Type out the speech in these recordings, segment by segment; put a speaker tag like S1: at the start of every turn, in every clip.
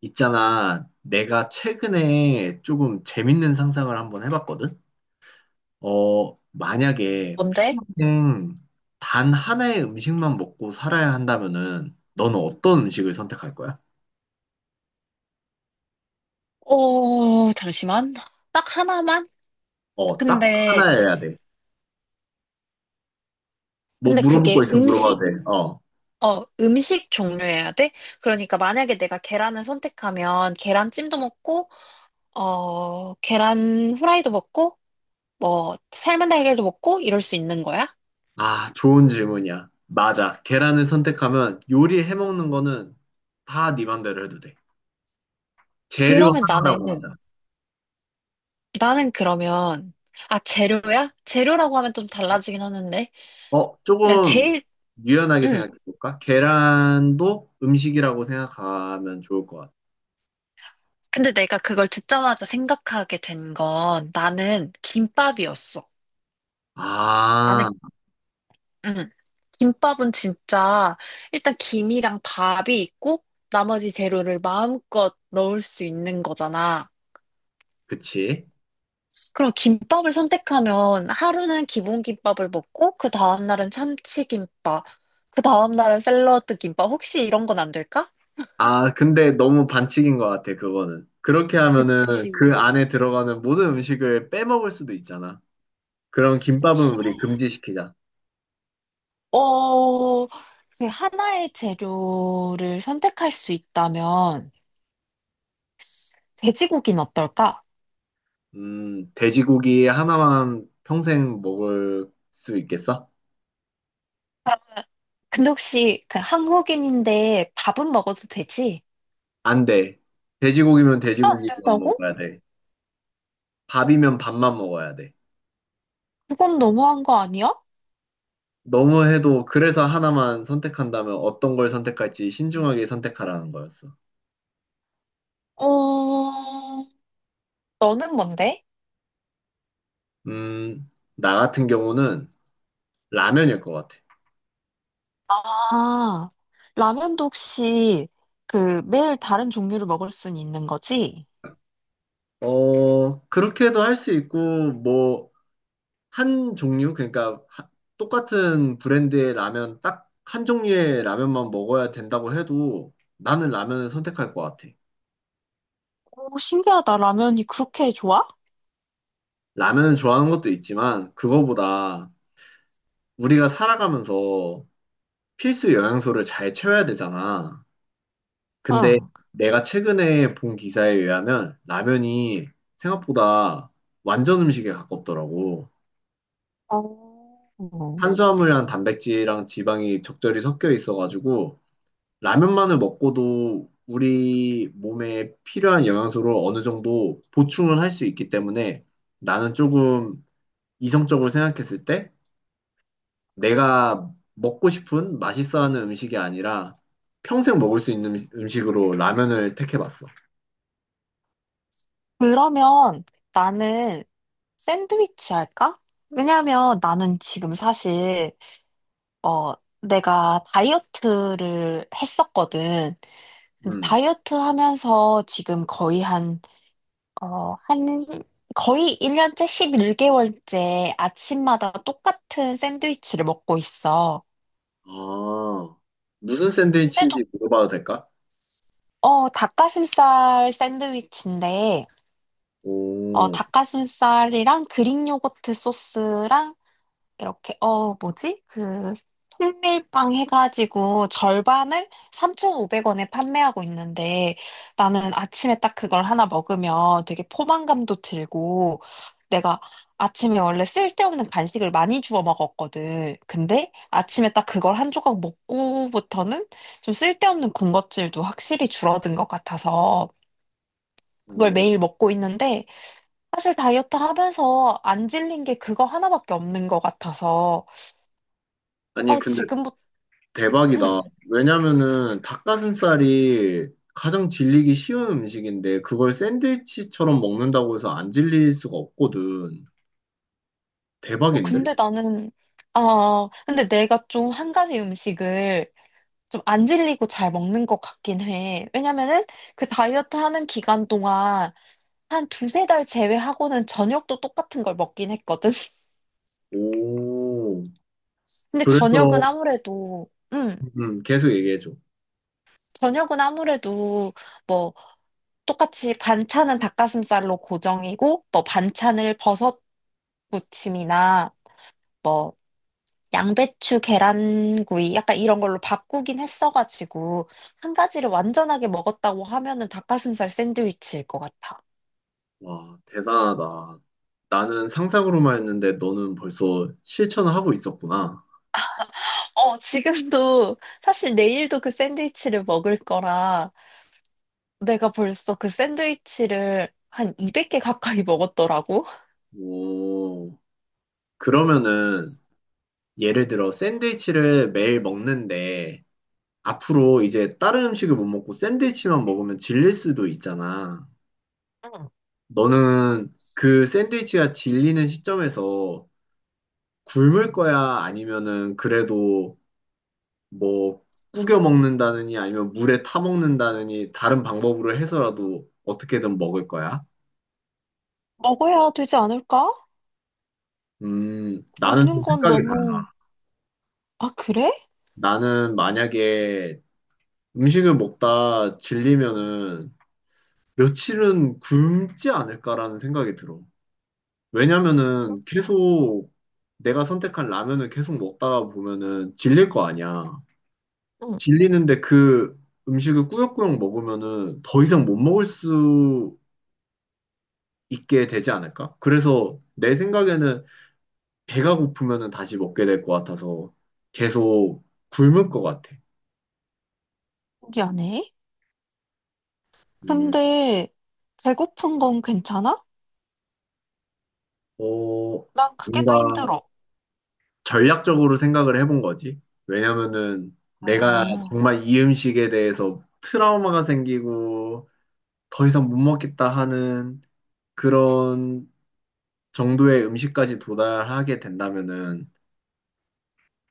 S1: 있잖아, 내가 최근에 조금 재밌는 상상을 한번 해봤거든? 만약에
S2: 뭔데?
S1: 평생 단 하나의 음식만 먹고 살아야 한다면은, 너는 어떤 음식을 선택할 거야?
S2: 잠시만. 딱 하나만?
S1: 어, 딱
S2: 근데,
S1: 하나여야 돼. 뭐
S2: 근데
S1: 물어볼 거
S2: 그게
S1: 있으면 물어봐도
S2: 음식,
S1: 돼. 어.
S2: 어, 음식 종류여야 돼? 그러니까 만약에 내가 계란을 선택하면 계란찜도 먹고, 계란 후라이도 먹고, 뭐, 삶은 달걀도 먹고, 이럴 수 있는 거야?
S1: 아, 좋은 질문이야. 맞아. 계란을 선택하면 요리해 먹는 거는 다 네 맘대로 해도 돼. 재료
S2: 그러면
S1: 하나라고 하자.
S2: 나는, 나는 그러면, 아, 재료야? 재료라고 하면 좀 달라지긴 하는데. 야,
S1: 조금
S2: 제일,
S1: 유연하게
S2: 음.
S1: 생각해 볼까? 계란도 음식이라고 생각하면 좋을 것 같아.
S2: 근데 내가 그걸 듣자마자 생각하게 된 건 나는 김밥이었어. 나는
S1: 아,
S2: 응. 김밥은 진짜 일단 김이랑 밥이 있고 나머지 재료를 마음껏 넣을 수 있는 거잖아.
S1: 그치.
S2: 그럼 김밥을 선택하면 하루는 기본 김밥을 먹고 그 다음날은 참치김밥, 그 다음날은 샐러드 김밥. 혹시 이런 건 안 될까?
S1: 아, 근데 너무 반칙인 것 같아, 그거는. 그렇게 하면은
S2: 그치,
S1: 그 안에 들어가는 모든 음식을 빼먹을 수도 있잖아. 그럼 김밥은
S2: 그치.
S1: 우리 금지시키자.
S2: 어, 그 하나의 재료를 선택할 수 있다면 돼지고기는 어떨까?
S1: 돼지고기 하나만 평생 먹을 수 있겠어?
S2: 근데 혹시 그 한국인인데 밥은 먹어도 되지?
S1: 안 돼. 돼지고기면
S2: 안
S1: 돼지고기만
S2: 된다고?
S1: 먹어야 돼. 밥이면 밥만 먹어야 돼.
S2: 그건 너무한 거 아니야?
S1: 너무 해도 그래서 하나만 선택한다면 어떤 걸 선택할지 신중하게 선택하라는 거였어.
S2: 어, 너는 뭔데?
S1: 음, 나 같은 경우는 라면일 것 같아.
S2: 아, 라면도 혹시 그 매일 다른 종류를 먹을 순 있는 거지?
S1: 어, 그렇게도 할 수 있고, 뭐, 한 종류? 똑같은 브랜드의 라면, 딱 한 종류의 라면만 먹어야 된다고 해도 나는 라면을 선택할 것 같아.
S2: 오, 신기하다. 라면이 그렇게 좋아?
S1: 라면을 좋아하는 것도 있지만, 그거보다 우리가 살아가면서 필수 영양소를 잘 채워야 되잖아. 근데
S2: 응.
S1: 내가 최근에 본 기사에 의하면 라면이 생각보다 완전 음식에 가깝더라고.
S2: 어.
S1: 탄수화물이랑 단백질이랑 지방이 적절히 섞여 있어가지고 라면만을 먹고도 우리 몸에 필요한 영양소를 어느 정도 보충을 할 수 있기 때문에 나는 조금 이성적으로 생각했을 때 내가 먹고 싶은 맛있어 하는 음식이 아니라 평생 먹을 수 있는 음식으로 라면을 택해봤어.
S2: 그러면 나는 샌드위치 할까? 왜냐면 나는 지금 사실, 어, 내가 다이어트를 했었거든. 근데
S1: 음.
S2: 다이어트 하면서 지금 거의 어, 한, 1년째 11개월째 아침마다 똑같은 샌드위치를 먹고 있어.
S1: 아, 무슨 샌드위치인지
S2: 근데도,
S1: 물어봐도 될까?
S2: 닭가슴살 샌드위치인데,
S1: 오,
S2: 닭가슴살이랑 그릭 요거트 소스랑 이렇게, 뭐지? 그, 통밀빵 해가지고 절반을 3,500원에 판매하고 있는데 나는 아침에 딱 그걸 하나 먹으면 되게 포만감도 들고 내가 아침에 원래 쓸데없는 간식을 많이 주워 먹었거든. 근데 아침에 딱 그걸 한 조각 먹고부터는 좀 쓸데없는 군것질도 확실히 줄어든 것 같아서 그걸
S1: 오,
S2: 매일 먹고 있는데 사실 다이어트 하면서 안 질린 게 그거 하나밖에 없는 것 같아서
S1: 아니,
S2: 어,
S1: 근데
S2: 지금부터,
S1: 대박이다.
S2: 음.
S1: 왜냐면은 닭가슴살이 가장 질리기 쉬운 음식인데, 그걸 샌드위치처럼 먹는다고 해서 안 질릴 수가 없거든.
S2: 어,
S1: 대박인데?
S2: 근데 나는, 근데 내가 좀 한 가지 음식을 좀 안 질리고 잘 먹는 것 같긴 해. 왜냐면은 그 다이어트 하는 기간 동안 한 두세 달 제외하고는 저녁도 똑같은 걸 먹긴 했거든.
S1: 오,
S2: 근데
S1: 그래서, 계속 얘기해줘.
S2: 저녁은 아무래도 뭐 똑같이 반찬은 닭가슴살로 고정이고, 뭐 반찬을 버섯 무침이나 뭐 양배추 계란구이 약간 이런 걸로 바꾸긴 했어가지고 한 가지를 완전하게 먹었다고 하면은 닭가슴살 샌드위치일 것 같아.
S1: 와, 대단하다. 나는 상상으로만 했는데, 너는 벌써 실천을 하고 있었구나.
S2: 지금도 사실 내일도 그 샌드위치를 먹을 거라 내가 벌써 그 샌드위치를 한 200개 가까이 먹었더라고.
S1: 오, 그러면은, 예를 들어 샌드위치를 매일 먹는데 앞으로 이제 다른 음식을 못 먹고 샌드위치만 먹으면 질릴 수도 있잖아.
S2: 응,
S1: 너는 그 샌드위치가 질리는 시점에서 굶을 거야? 아니면은 그래도 뭐 구겨 먹는다느니 아니면 물에 타 먹는다느니 다른 방법으로 해서라도 어떻게든 먹을 거야?
S2: 먹어야 되지 않을까?
S1: 나는
S2: 굶는
S1: 좀
S2: 건
S1: 생각이
S2: 너무,
S1: 달라.
S2: 그래?
S1: 나는 만약에 음식을 먹다 질리면은 며칠은 굶지 않을까라는 생각이 들어. 왜냐면은 계속 내가 선택한 라면을 계속 먹다가 보면은 질릴 거 아니야.
S2: 응.
S1: 질리는데 그 음식을 꾸역꾸역 먹으면은 더 이상 못 먹을 수 있게 되지 않을까? 그래서 내 생각에는 배가 고프면은 다시 먹게 될 것 같아서 계속 굶을 것 같아.
S2: 신기하네.
S1: 음,
S2: 근데 배고픈 건 괜찮아?
S1: 어,
S2: 난 그게 더
S1: 뭔가
S2: 힘들어.
S1: 전략적으로 생각을 해본 거지. 왜냐면은 내가
S2: 아,
S1: 정말 이 음식에 대해서 트라우마가 생기고 더 이상 못 먹겠다 하는 그런 정도의 음식까지 도달하게 된다면은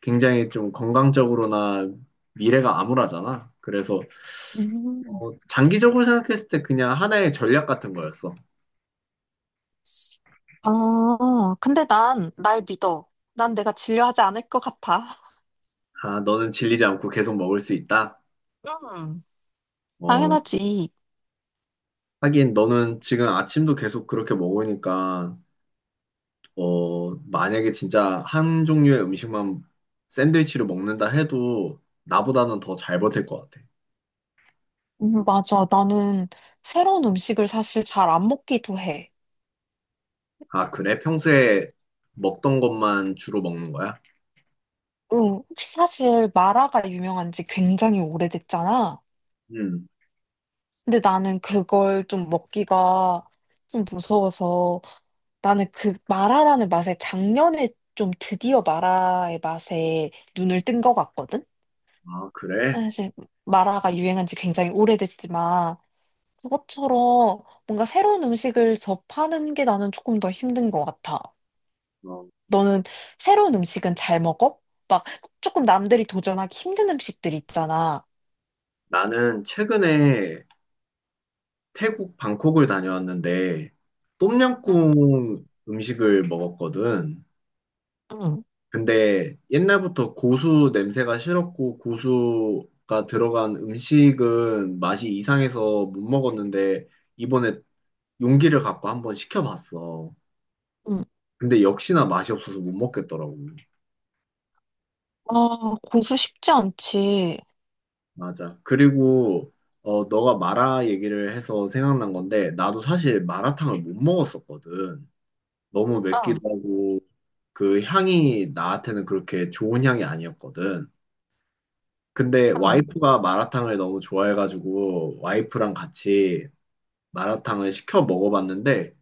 S1: 굉장히 좀 건강적으로나 미래가 암울하잖아. 그래서
S2: 음.
S1: 장기적으로 생각했을 때 그냥 하나의 전략 같은 거였어.
S2: 근데 난 날 믿어. 난 내가 진료하지 않을 것 같아.
S1: 아, 너는 질리지 않고 계속 먹을 수 있다.
S2: 음,
S1: 어,
S2: 당연하지.
S1: 하긴 너는 지금 아침도 계속 그렇게 먹으니까 만약에 진짜 한 종류의 음식만 샌드위치로 먹는다 해도 나보다는 더 잘 버틸 것 같아.
S2: 맞아. 나는 새로운 음식을 사실 잘 안 먹기도 해.
S1: 아, 그래? 평소에 먹던 것만 주로 먹는 거야?
S2: 응, 혹시 사실 마라가 유명한 지 굉장히 오래됐잖아.
S1: 음.
S2: 근데 나는 그걸 좀 먹기가 좀 무서워서 나는 그 마라라는 맛에 작년에 좀 드디어 마라의 맛에 눈을 뜬 것 같거든?
S1: 아, 그래?
S2: 사실 마라가 유행한 지 굉장히 오래됐지만 그것처럼 뭔가 새로운 음식을 접하는 게 나는 조금 더 힘든 것 같아.
S1: 어,
S2: 너는 새로운 음식은 잘 먹어? 막 조금 남들이 도전하기 힘든 음식들 있잖아.
S1: 나는 최근에 태국 방콕을 다녀왔는데 똠양꿍 음식을 먹었거든.
S2: 응, 응.
S1: 근데 옛날부터 고수 냄새가 싫었고 고수가 들어간 음식은 맛이 이상해서 못 먹었는데 이번에 용기를 갖고 한번 시켜봤어.
S2: 응.
S1: 근데 역시나 맛이 없어서 못 먹겠더라고.
S2: 아, 고수 쉽지 않지.
S1: 맞아. 그리고 너가 마라 얘기를 해서 생각난 건데 나도 사실 마라탕을 못 먹었었거든. 너무 맵기도
S2: 응,
S1: 하고 그 향이 나한테는 그렇게 좋은 향이 아니었거든. 근데
S2: 응.
S1: 와이프가 마라탕을 너무 좋아해가지고 와이프랑 같이 마라탕을 시켜 먹어봤는데,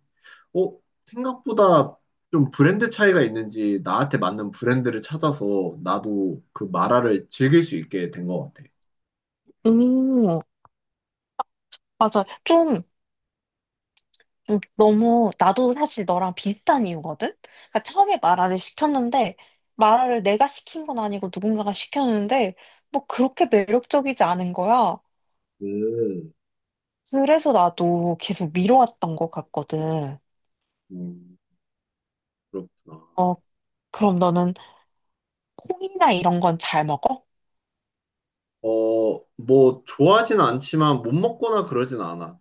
S1: 어, 생각보다 좀 브랜드 차이가 있는지 나한테 맞는 브랜드를 찾아서 나도 그 마라를 즐길 수 있게 된 것 같아.
S2: 음, 맞아. 좀, 좀 너무, 나도 사실 너랑 비슷한 이유거든? 그러니까 처음에 마라를 시켰는데, 마라를 내가 시킨 건 아니고 누군가가 시켰는데, 뭐 그렇게 매력적이지 않은 거야.
S1: 음,
S2: 그래서 나도 계속 미뤄왔던 것 같거든.
S1: 음, 그렇구나.
S2: 어, 그럼 너는 콩이나 이런 건 잘 먹어?
S1: 어, 뭐, 좋아하진 않지만 못 먹거나 그러진 않아.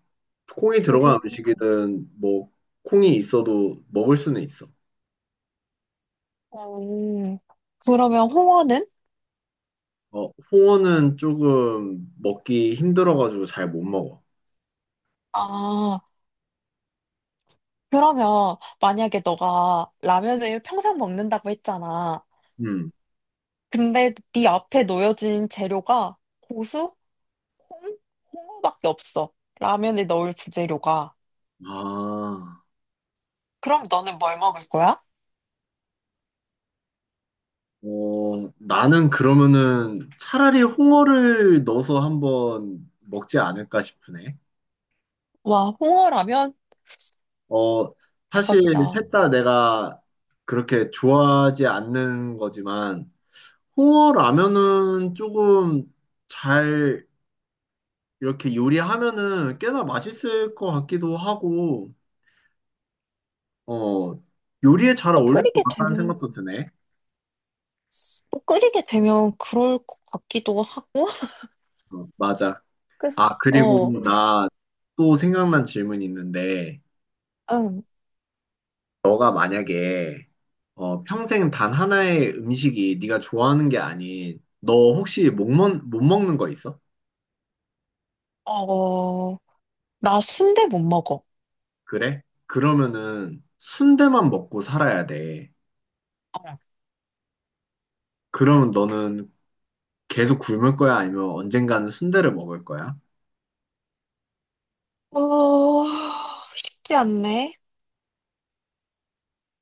S1: 콩이 들어간
S2: 오,
S1: 음식이든 뭐, 콩이 있어도 먹을 수는 있어.
S2: 음, 그러면 홍어는?
S1: 어, 홍어는 조금 먹기 힘들어가지고 잘 못 먹어.
S2: 아, 그러면 만약에 너가 라면을 평생 먹는다고 했잖아.
S1: 음.
S2: 근데 네 앞에 놓여진 재료가 고수, 콩, 홍어밖에 없어. 라면에 넣을 부재료가.
S1: 아,
S2: 그럼 너는 뭘 먹을 거야?
S1: 나는 그러면은 차라리 홍어를 넣어서 한번 먹지 않을까 싶으네.
S2: 와, 홍어라면?
S1: 어, 사실
S2: 대박이다.
S1: 셋 다 내가 그렇게 좋아하지 않는 거지만, 홍어 라면은 조금 잘 이렇게 요리하면은 꽤나 맛있을 것 같기도 하고, 어, 요리에 잘
S2: 또
S1: 어울릴 것
S2: 끓이게
S1: 같다는
S2: 되면
S1: 생각도 드네.
S2: 또 끓이게 되면 그럴 것 같기도 하고,
S1: 어, 맞아.
S2: 그-
S1: 아, 그리고
S2: 어,
S1: 나 또 생각난 질문이 있는데,
S2: 응,
S1: 너가 만약에 평생 단 하나의 음식이 네가 좋아하는 게 아닌, 너 혹시 못, 먹, 못 먹는 거 있어?
S2: 어, 나 순대 못 먹어.
S1: 그래? 그러면은 순대만 먹고 살아야 돼. 그러면 너는 계속 굶을 거야? 아니면 언젠가는 순대를 먹을 거야?
S2: 어, 쉽지 않네.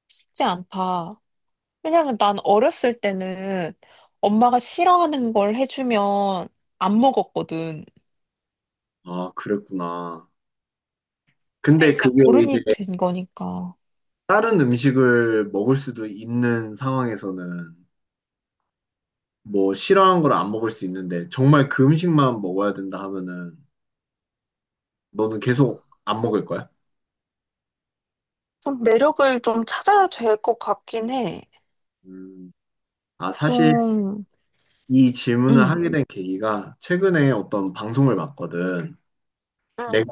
S2: 쉽지 않다. 왜냐면 난 어렸을 때는 엄마가 싫어하는 걸 해주면 안 먹었거든.
S1: 아, 그랬구나.
S2: 근데
S1: 근데
S2: 이제
S1: 그게 이제
S2: 어른이 된 거니까.
S1: 다른 음식을 먹을 수도 있는 상황에서는 뭐 싫어하는 걸 안 먹을 수 있는데 정말 그 음식만 먹어야 된다 하면은 너는 계속 안 먹을 거야?
S2: 좀 매력을 좀 찾아야 될 것 같긴 해.
S1: 음. 아, 사실
S2: 좀,
S1: 이 질문을
S2: 응,
S1: 하게 된 계기가 최근에 어떤 방송을 봤거든. 내가
S2: 응,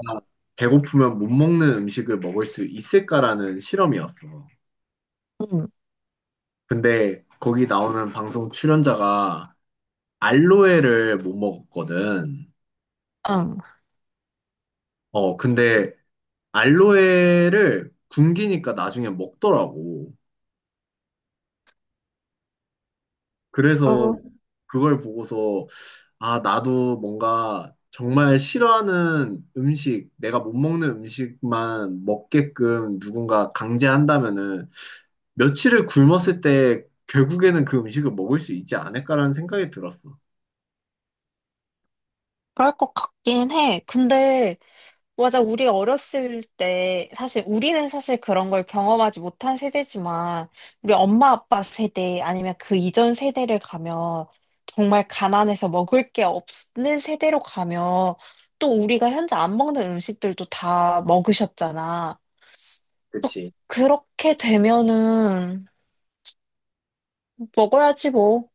S1: 배고프면 못 먹는 음식을 먹을 수 있을까라는 실험이었어.
S2: 응,
S1: 근데 거기 나오는 방송 출연자가 알로에를 못 먹었거든.
S2: 응.
S1: 어, 근데 알로에를 굶기니까 나중에 먹더라고. 그래서
S2: 어,
S1: 그걸 보고서 아, 나도 뭔가 정말 싫어하는 음식, 내가 못 먹는 음식만 먹게끔 누군가 강제한다면은 며칠을 굶었을 때 결국에는 그 음식을 먹을 수 있지 않을까라는 생각이 들었어.
S2: 그럴 것 같긴 해. 근데, 맞아, 우리 어렸을 때, 사실 우리는 사실 그런 걸 경험하지 못한 세대지만, 우리 엄마 아빠 세대 아니면 그 이전 세대를 가면, 정말 가난해서 먹을 게 없는 세대로 가면, 또 우리가 현재 안 먹는 음식들도 다 먹으셨잖아. 또
S1: 그치.
S2: 그렇게 되면은, 먹어야지 뭐.